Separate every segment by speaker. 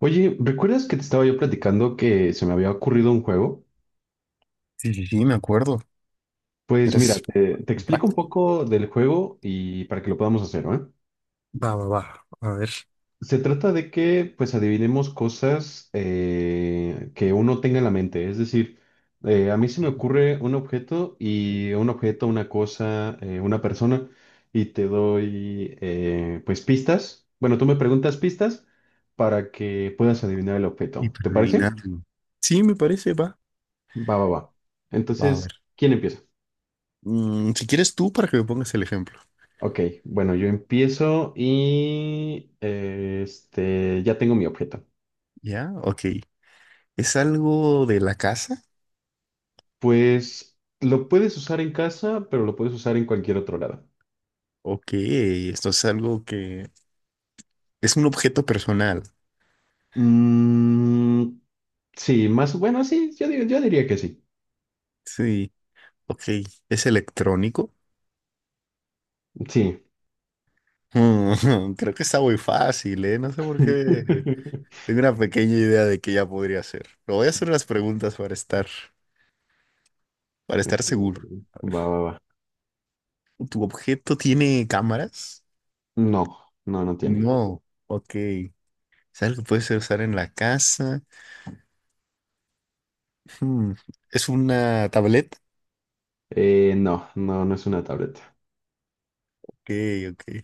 Speaker 1: Oye, ¿recuerdas que te estaba yo platicando que se me había ocurrido un juego?
Speaker 2: Sí, sí, sí, me acuerdo.
Speaker 1: Pues mira,
Speaker 2: ¿Quieres
Speaker 1: te explico un
Speaker 2: práctica?
Speaker 1: poco del juego y para que lo podamos hacer, ¿eh?
Speaker 2: Va, va, va. A ver.
Speaker 1: Se trata de que pues adivinemos cosas que uno tenga en la mente. Es decir, a mí se me
Speaker 2: Sí,
Speaker 1: ocurre un objeto y un objeto, una cosa, una persona y te doy pues pistas. Bueno, tú me preguntas pistas para que puedas adivinar el
Speaker 2: y
Speaker 1: objeto. ¿Te
Speaker 2: para
Speaker 1: parece?
Speaker 2: adivinarlo. Sí, me parece, va.
Speaker 1: Va, va, va.
Speaker 2: Va, a ver.
Speaker 1: Entonces, ¿quién empieza?
Speaker 2: Si quieres tú, para que me pongas el ejemplo.
Speaker 1: Ok, bueno, yo empiezo y ya tengo mi objeto.
Speaker 2: Ya, ok. ¿Es algo de la casa?
Speaker 1: Pues lo puedes usar en casa, pero lo puedes usar en cualquier otro lado.
Speaker 2: Ok, esto es algo que. Es un objeto personal.
Speaker 1: Mm, sí, más bueno, sí, yo, yo diría que sí.
Speaker 2: Sí, ok. ¿Es electrónico?
Speaker 1: Sí.
Speaker 2: Creo que está muy fácil, ¿eh? No sé por qué. Tengo una pequeña idea de que ya podría ser. Pero voy a hacer las preguntas para estar,
Speaker 1: Ok,
Speaker 2: seguro.
Speaker 1: va, va, va.
Speaker 2: ¿Tu objeto tiene cámaras?
Speaker 1: No, no, no tiene.
Speaker 2: No, ok. ¿Es algo que puede ser usar en la casa? Hmm, ¿Es una tableta?
Speaker 1: No, no, no es una tableta.
Speaker 2: Ok, ok.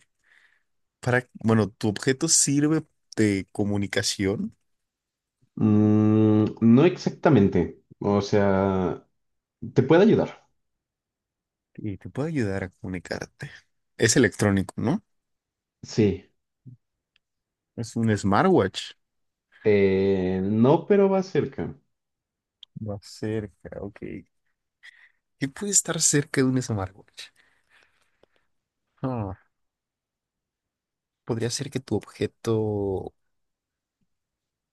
Speaker 2: Bueno, ¿tu objeto sirve de comunicación?
Speaker 1: Mm, no exactamente. O sea, ¿te puede ayudar?
Speaker 2: Y te puede ayudar a comunicarte. Es electrónico, ¿no?
Speaker 1: Sí.
Speaker 2: Es un smartwatch.
Speaker 1: No, pero va cerca.
Speaker 2: Va cerca, ok. ¿Qué puede estar cerca de un smartwatch? Ah, podría ser que tu objeto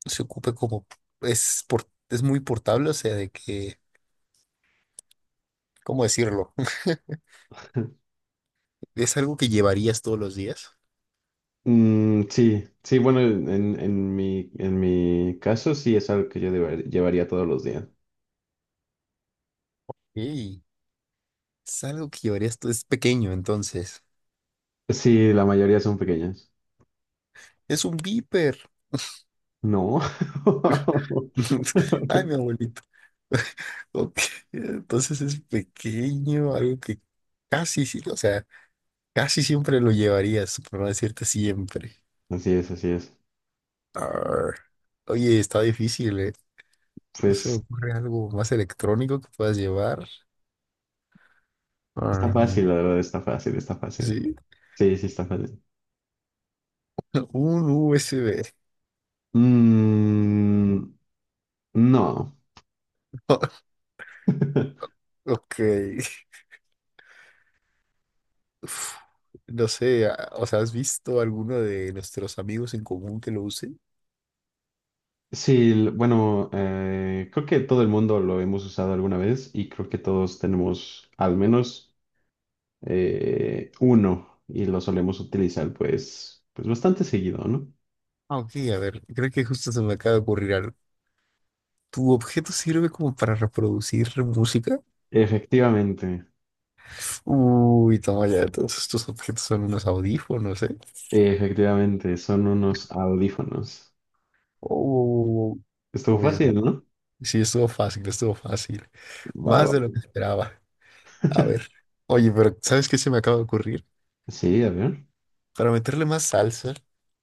Speaker 2: se ocupe como. Es muy portable, o sea, de que, ¿cómo decirlo? Es algo que llevarías todos los días.
Speaker 1: Mm, sí, sí, bueno, en mi caso sí es algo que llevaría todos los días.
Speaker 2: Ey, es algo que llevarías. Es pequeño, entonces.
Speaker 1: Sí, la mayoría son pequeñas.
Speaker 2: Es un viper.
Speaker 1: No.
Speaker 2: Ay, mi abuelito. Ok, entonces es pequeño, algo que casi, o sea, casi siempre lo llevarías, por no decirte siempre.
Speaker 1: Así es, así es.
Speaker 2: Arr. Oye, está difícil, ¿eh? ¿No se me
Speaker 1: Pues
Speaker 2: ocurre algo más electrónico que puedas llevar?
Speaker 1: está
Speaker 2: Arr,
Speaker 1: fácil, la verdad, está fácil, está fácil.
Speaker 2: sí,
Speaker 1: Sí, sí, está fácil.
Speaker 2: un USB.
Speaker 1: Mm, no.
Speaker 2: Ok. Uf, no sé, o sea, ¿has visto alguno de nuestros amigos en común que lo use?
Speaker 1: Sí, bueno, creo que todo el mundo lo hemos usado alguna vez y creo que todos tenemos al menos uno y lo solemos utilizar pues, pues bastante seguido, ¿no?
Speaker 2: Ah, ok, a ver, creo que justo se me acaba de ocurrir algo. ¿Tu objeto sirve como para reproducir música?
Speaker 1: Efectivamente,
Speaker 2: Uy, toma ya, todos estos objetos son unos audífonos, ¿eh?
Speaker 1: efectivamente, son unos audífonos.
Speaker 2: Oh,
Speaker 1: Estuvo
Speaker 2: pues
Speaker 1: fácil,
Speaker 2: bueno.
Speaker 1: ¿no?
Speaker 2: Sí, estuvo fácil, estuvo fácil.
Speaker 1: Va,
Speaker 2: Más de lo
Speaker 1: va.
Speaker 2: que esperaba. A ver. Oye, pero ¿sabes qué se me acaba de ocurrir?
Speaker 1: Sí, a ver.
Speaker 2: Para meterle más salsa,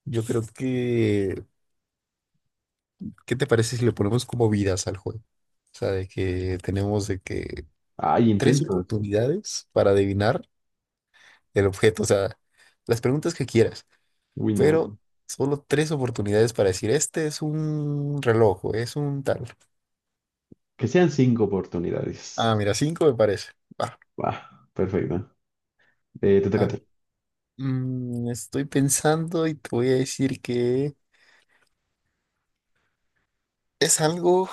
Speaker 2: yo creo que, ¿qué te parece si le ponemos como vidas al juego? O sea, de que tenemos de que
Speaker 1: Hay
Speaker 2: tres
Speaker 1: intentos.
Speaker 2: oportunidades para adivinar el objeto. O sea, las preguntas que quieras,
Speaker 1: Uy, no.
Speaker 2: pero solo tres oportunidades para decir, este es un reloj, o es un tal.
Speaker 1: Que sean 5 oportunidades.
Speaker 2: Ah, mira, cinco me parece. Va.
Speaker 1: Va, perfecto. Te toca a
Speaker 2: Ah,
Speaker 1: ti.
Speaker 2: estoy pensando y te voy a decir que es algo,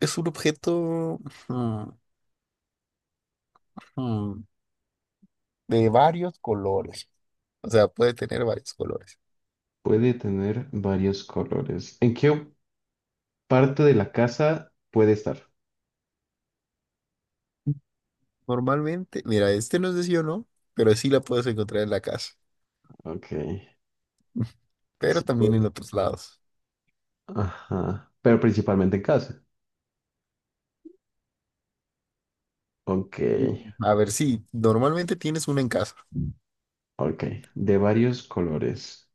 Speaker 2: es un objeto, mm, mm, de varios colores. O sea, puede tener varios colores.
Speaker 1: Puede tener varios colores. ¿En qué parte de la casa puede estar?
Speaker 2: Normalmente, mira, este no es de sí o no, pero sí la puedes encontrar en la casa,
Speaker 1: Ok.
Speaker 2: pero
Speaker 1: Sí,
Speaker 2: también
Speaker 1: puede.
Speaker 2: en otros lados.
Speaker 1: Ajá. Pero principalmente en casa. Ok.
Speaker 2: Mm. A ver, sí, normalmente tienes una en casa.
Speaker 1: Ok, de varios colores.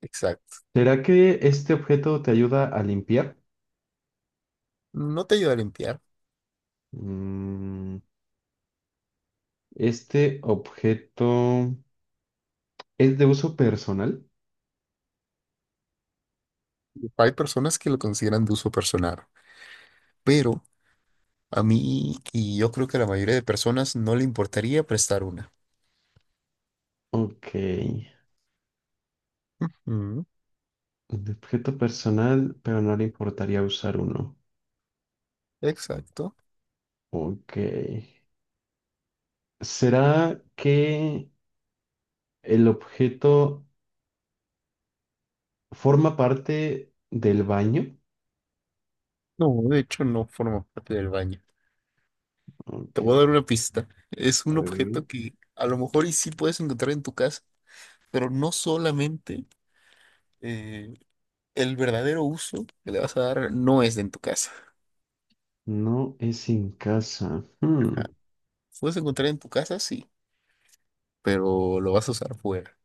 Speaker 2: Exacto.
Speaker 1: ¿Será que este objeto te ayuda a limpiar?
Speaker 2: No te ayuda a limpiar.
Speaker 1: Mm, este objeto es de uso personal.
Speaker 2: Hay personas que lo consideran de uso personal, pero a mí y yo creo que a la mayoría de personas no le importaría prestar una.
Speaker 1: Ok,
Speaker 2: Ujú,
Speaker 1: un objeto personal, pero no le importaría usar uno.
Speaker 2: exacto.
Speaker 1: Ok. ¿Será que el objeto forma parte del baño?
Speaker 2: No, de hecho no forma parte del baño. Te
Speaker 1: Ok,
Speaker 2: voy a dar una pista. Es
Speaker 1: a
Speaker 2: un
Speaker 1: ver.
Speaker 2: objeto que a lo mejor y sí puedes encontrar en tu casa, pero no solamente eh, el verdadero uso que le vas a dar no es en tu casa.
Speaker 1: No es en casa. Hmm,
Speaker 2: Ajá. Puedes encontrar en tu casa, sí, pero lo vas a usar fuera.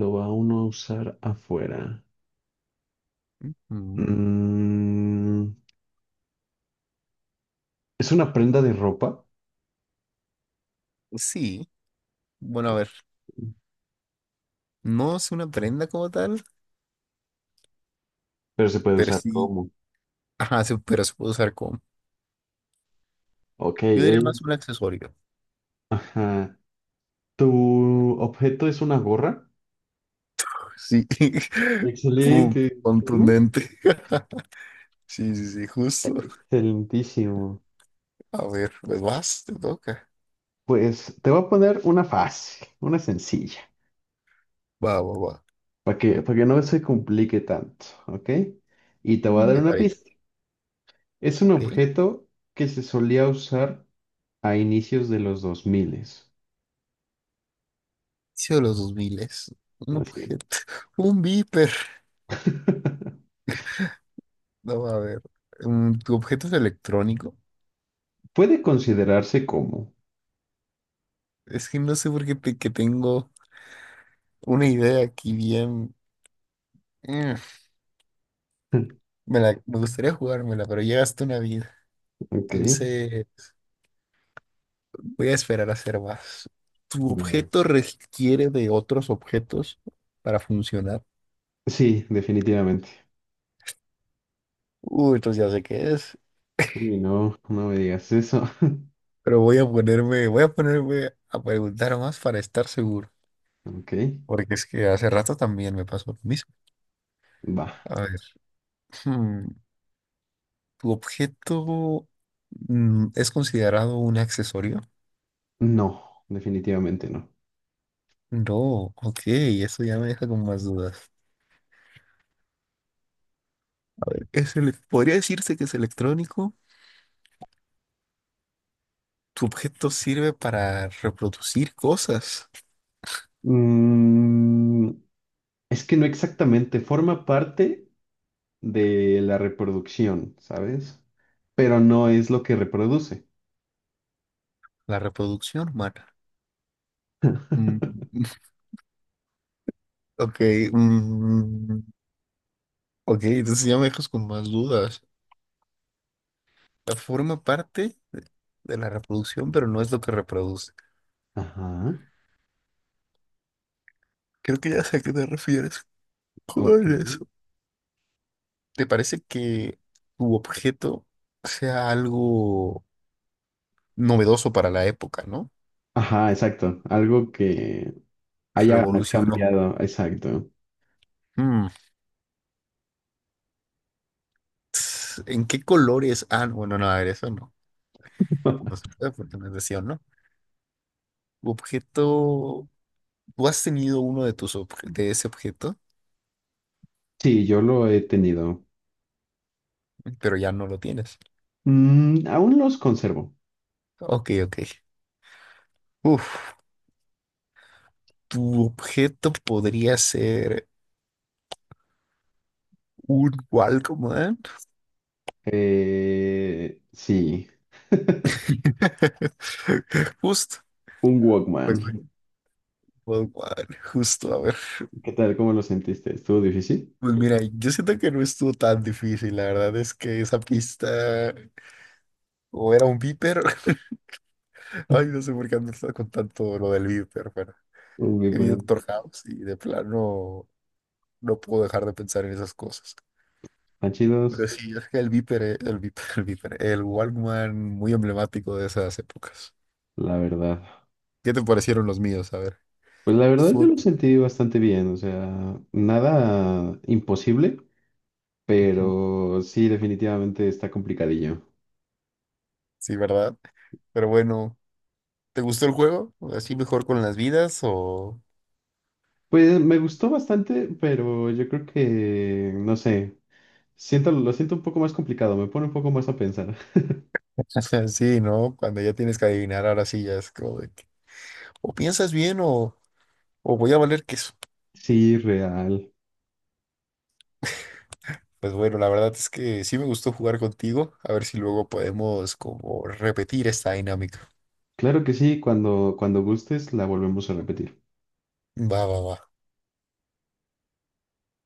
Speaker 1: lo va uno a usar afuera.
Speaker 2: Mm.
Speaker 1: Mm, es una prenda de ropa,
Speaker 2: Sí, bueno, a ver, no es una prenda como tal,
Speaker 1: pero se puede
Speaker 2: pero
Speaker 1: usar
Speaker 2: sí,
Speaker 1: como.
Speaker 2: ajá, pero se puede usar como,
Speaker 1: Ok,
Speaker 2: yo diría
Speaker 1: es-
Speaker 2: más un accesorio.
Speaker 1: Ajá. ¿Tu objeto es una gorra?
Speaker 2: Sí, pum,
Speaker 1: Excelente. ¿Tú?
Speaker 2: contundente. Sí, sí, sí, justo.
Speaker 1: Excelentísimo.
Speaker 2: A ver, pues vas, te toca.
Speaker 1: Pues te voy a poner una fácil, una sencilla,
Speaker 2: Va, va, va.
Speaker 1: para que no se complique tanto, ¿ok? Y te voy a
Speaker 2: Mm.
Speaker 1: dar
Speaker 2: Me
Speaker 1: una
Speaker 2: parece,
Speaker 1: pista. Es un
Speaker 2: ok.
Speaker 1: objeto que se solía usar a inicios de los 2000.
Speaker 2: Inicio de los 2000, un
Speaker 1: Así es.
Speaker 2: objeto, un viper. No, a ver. ¿Tu objeto es electrónico?
Speaker 1: Puede considerarse como.
Speaker 2: Es que no sé por qué que tengo una idea aquí bien. Mm, Me gustaría jugármela, pero ya gasté una vida.
Speaker 1: Ok.
Speaker 2: Entonces voy a esperar a hacer más. ¿Tu
Speaker 1: Eh,
Speaker 2: objeto requiere de otros objetos para funcionar?
Speaker 1: sí, definitivamente.
Speaker 2: Uy, entonces ya sé qué es.
Speaker 1: Uy, no, no me digas eso.
Speaker 2: Pero voy a ponerme a preguntar más para estar seguro.
Speaker 1: Ok,
Speaker 2: Porque es que hace rato también me pasó lo mismo.
Speaker 1: va.
Speaker 2: A ver. hmm, ¿Tu objeto, es considerado un accesorio?
Speaker 1: No, definitivamente no.
Speaker 2: No, ok, eso ya me deja con más dudas. A ver, ¿podría decirse que es electrónico? ¿Tu objeto sirve para reproducir cosas?
Speaker 1: Mm, es que no exactamente, forma parte de la reproducción, ¿sabes? Pero no es lo que reproduce.
Speaker 2: La reproducción humana. Mm, ok, mm, ok, entonces ya me dejas con más dudas. Forma parte de la reproducción, pero no es lo que reproduce.
Speaker 1: Ajá,
Speaker 2: Creo que ya sé a qué te refieres
Speaker 1: ok.
Speaker 2: con eso. ¿Te parece que tu objeto sea algo novedoso para la época, no?
Speaker 1: Ajá, exacto. Algo que haya
Speaker 2: Revolucionó.
Speaker 1: cambiado, exacto.
Speaker 2: Mm, ¿En qué colores? Ah, no, bueno, no, a ver, eso no. No se puede porque no es decisión, ¿no? Tu objeto. Tú has tenido uno de ese objeto,
Speaker 1: Sí, yo lo he tenido.
Speaker 2: pero ya no lo tienes.
Speaker 1: Mm, aún los conservo.
Speaker 2: Ok, ok. Uf, tu objeto podría ser un Walkman.
Speaker 1: Sí.
Speaker 2: Justo.
Speaker 1: Un Walkman.
Speaker 2: Pues, un Walkman, justo, a ver.
Speaker 1: ¿Qué tal? ¿Cómo lo sentiste? ¿Estuvo difícil?
Speaker 2: Pues mira, yo siento que no estuvo tan difícil, la verdad es que esa pista o era un viper, ay, no sé por qué ando con tanto lo del viper, pero
Speaker 1: Uy,
Speaker 2: he vi
Speaker 1: pues,
Speaker 2: Doctor House y de plano no puedo dejar de pensar en esas cosas.
Speaker 1: están
Speaker 2: Pero
Speaker 1: chidos,
Speaker 2: sí, es que el viper, el viper, el Walkman muy emblemático de esas épocas.
Speaker 1: la verdad.
Speaker 2: ¿Qué te parecieron los míos? A ver,
Speaker 1: Pues la verdad yo
Speaker 2: sue-
Speaker 1: lo sentí bastante bien, o sea, nada imposible, pero sí, definitivamente está complicadillo.
Speaker 2: sí, ¿verdad? Pero bueno, ¿te gustó el juego? ¿Así mejor con las vidas o...?
Speaker 1: Pues me gustó bastante, pero yo creo que, no sé, siento, lo siento un poco más complicado, me pone un poco más a pensar.
Speaker 2: Sí, ¿no? Cuando ya tienes que adivinar, ahora sí ya es como de que, o piensas bien o, voy a valer queso.
Speaker 1: Sí, real.
Speaker 2: Pues bueno, la verdad es que sí me gustó jugar contigo. A ver si luego podemos como repetir esta dinámica.
Speaker 1: Claro que sí, cuando, cuando gustes la volvemos a repetir.
Speaker 2: Va, va, va.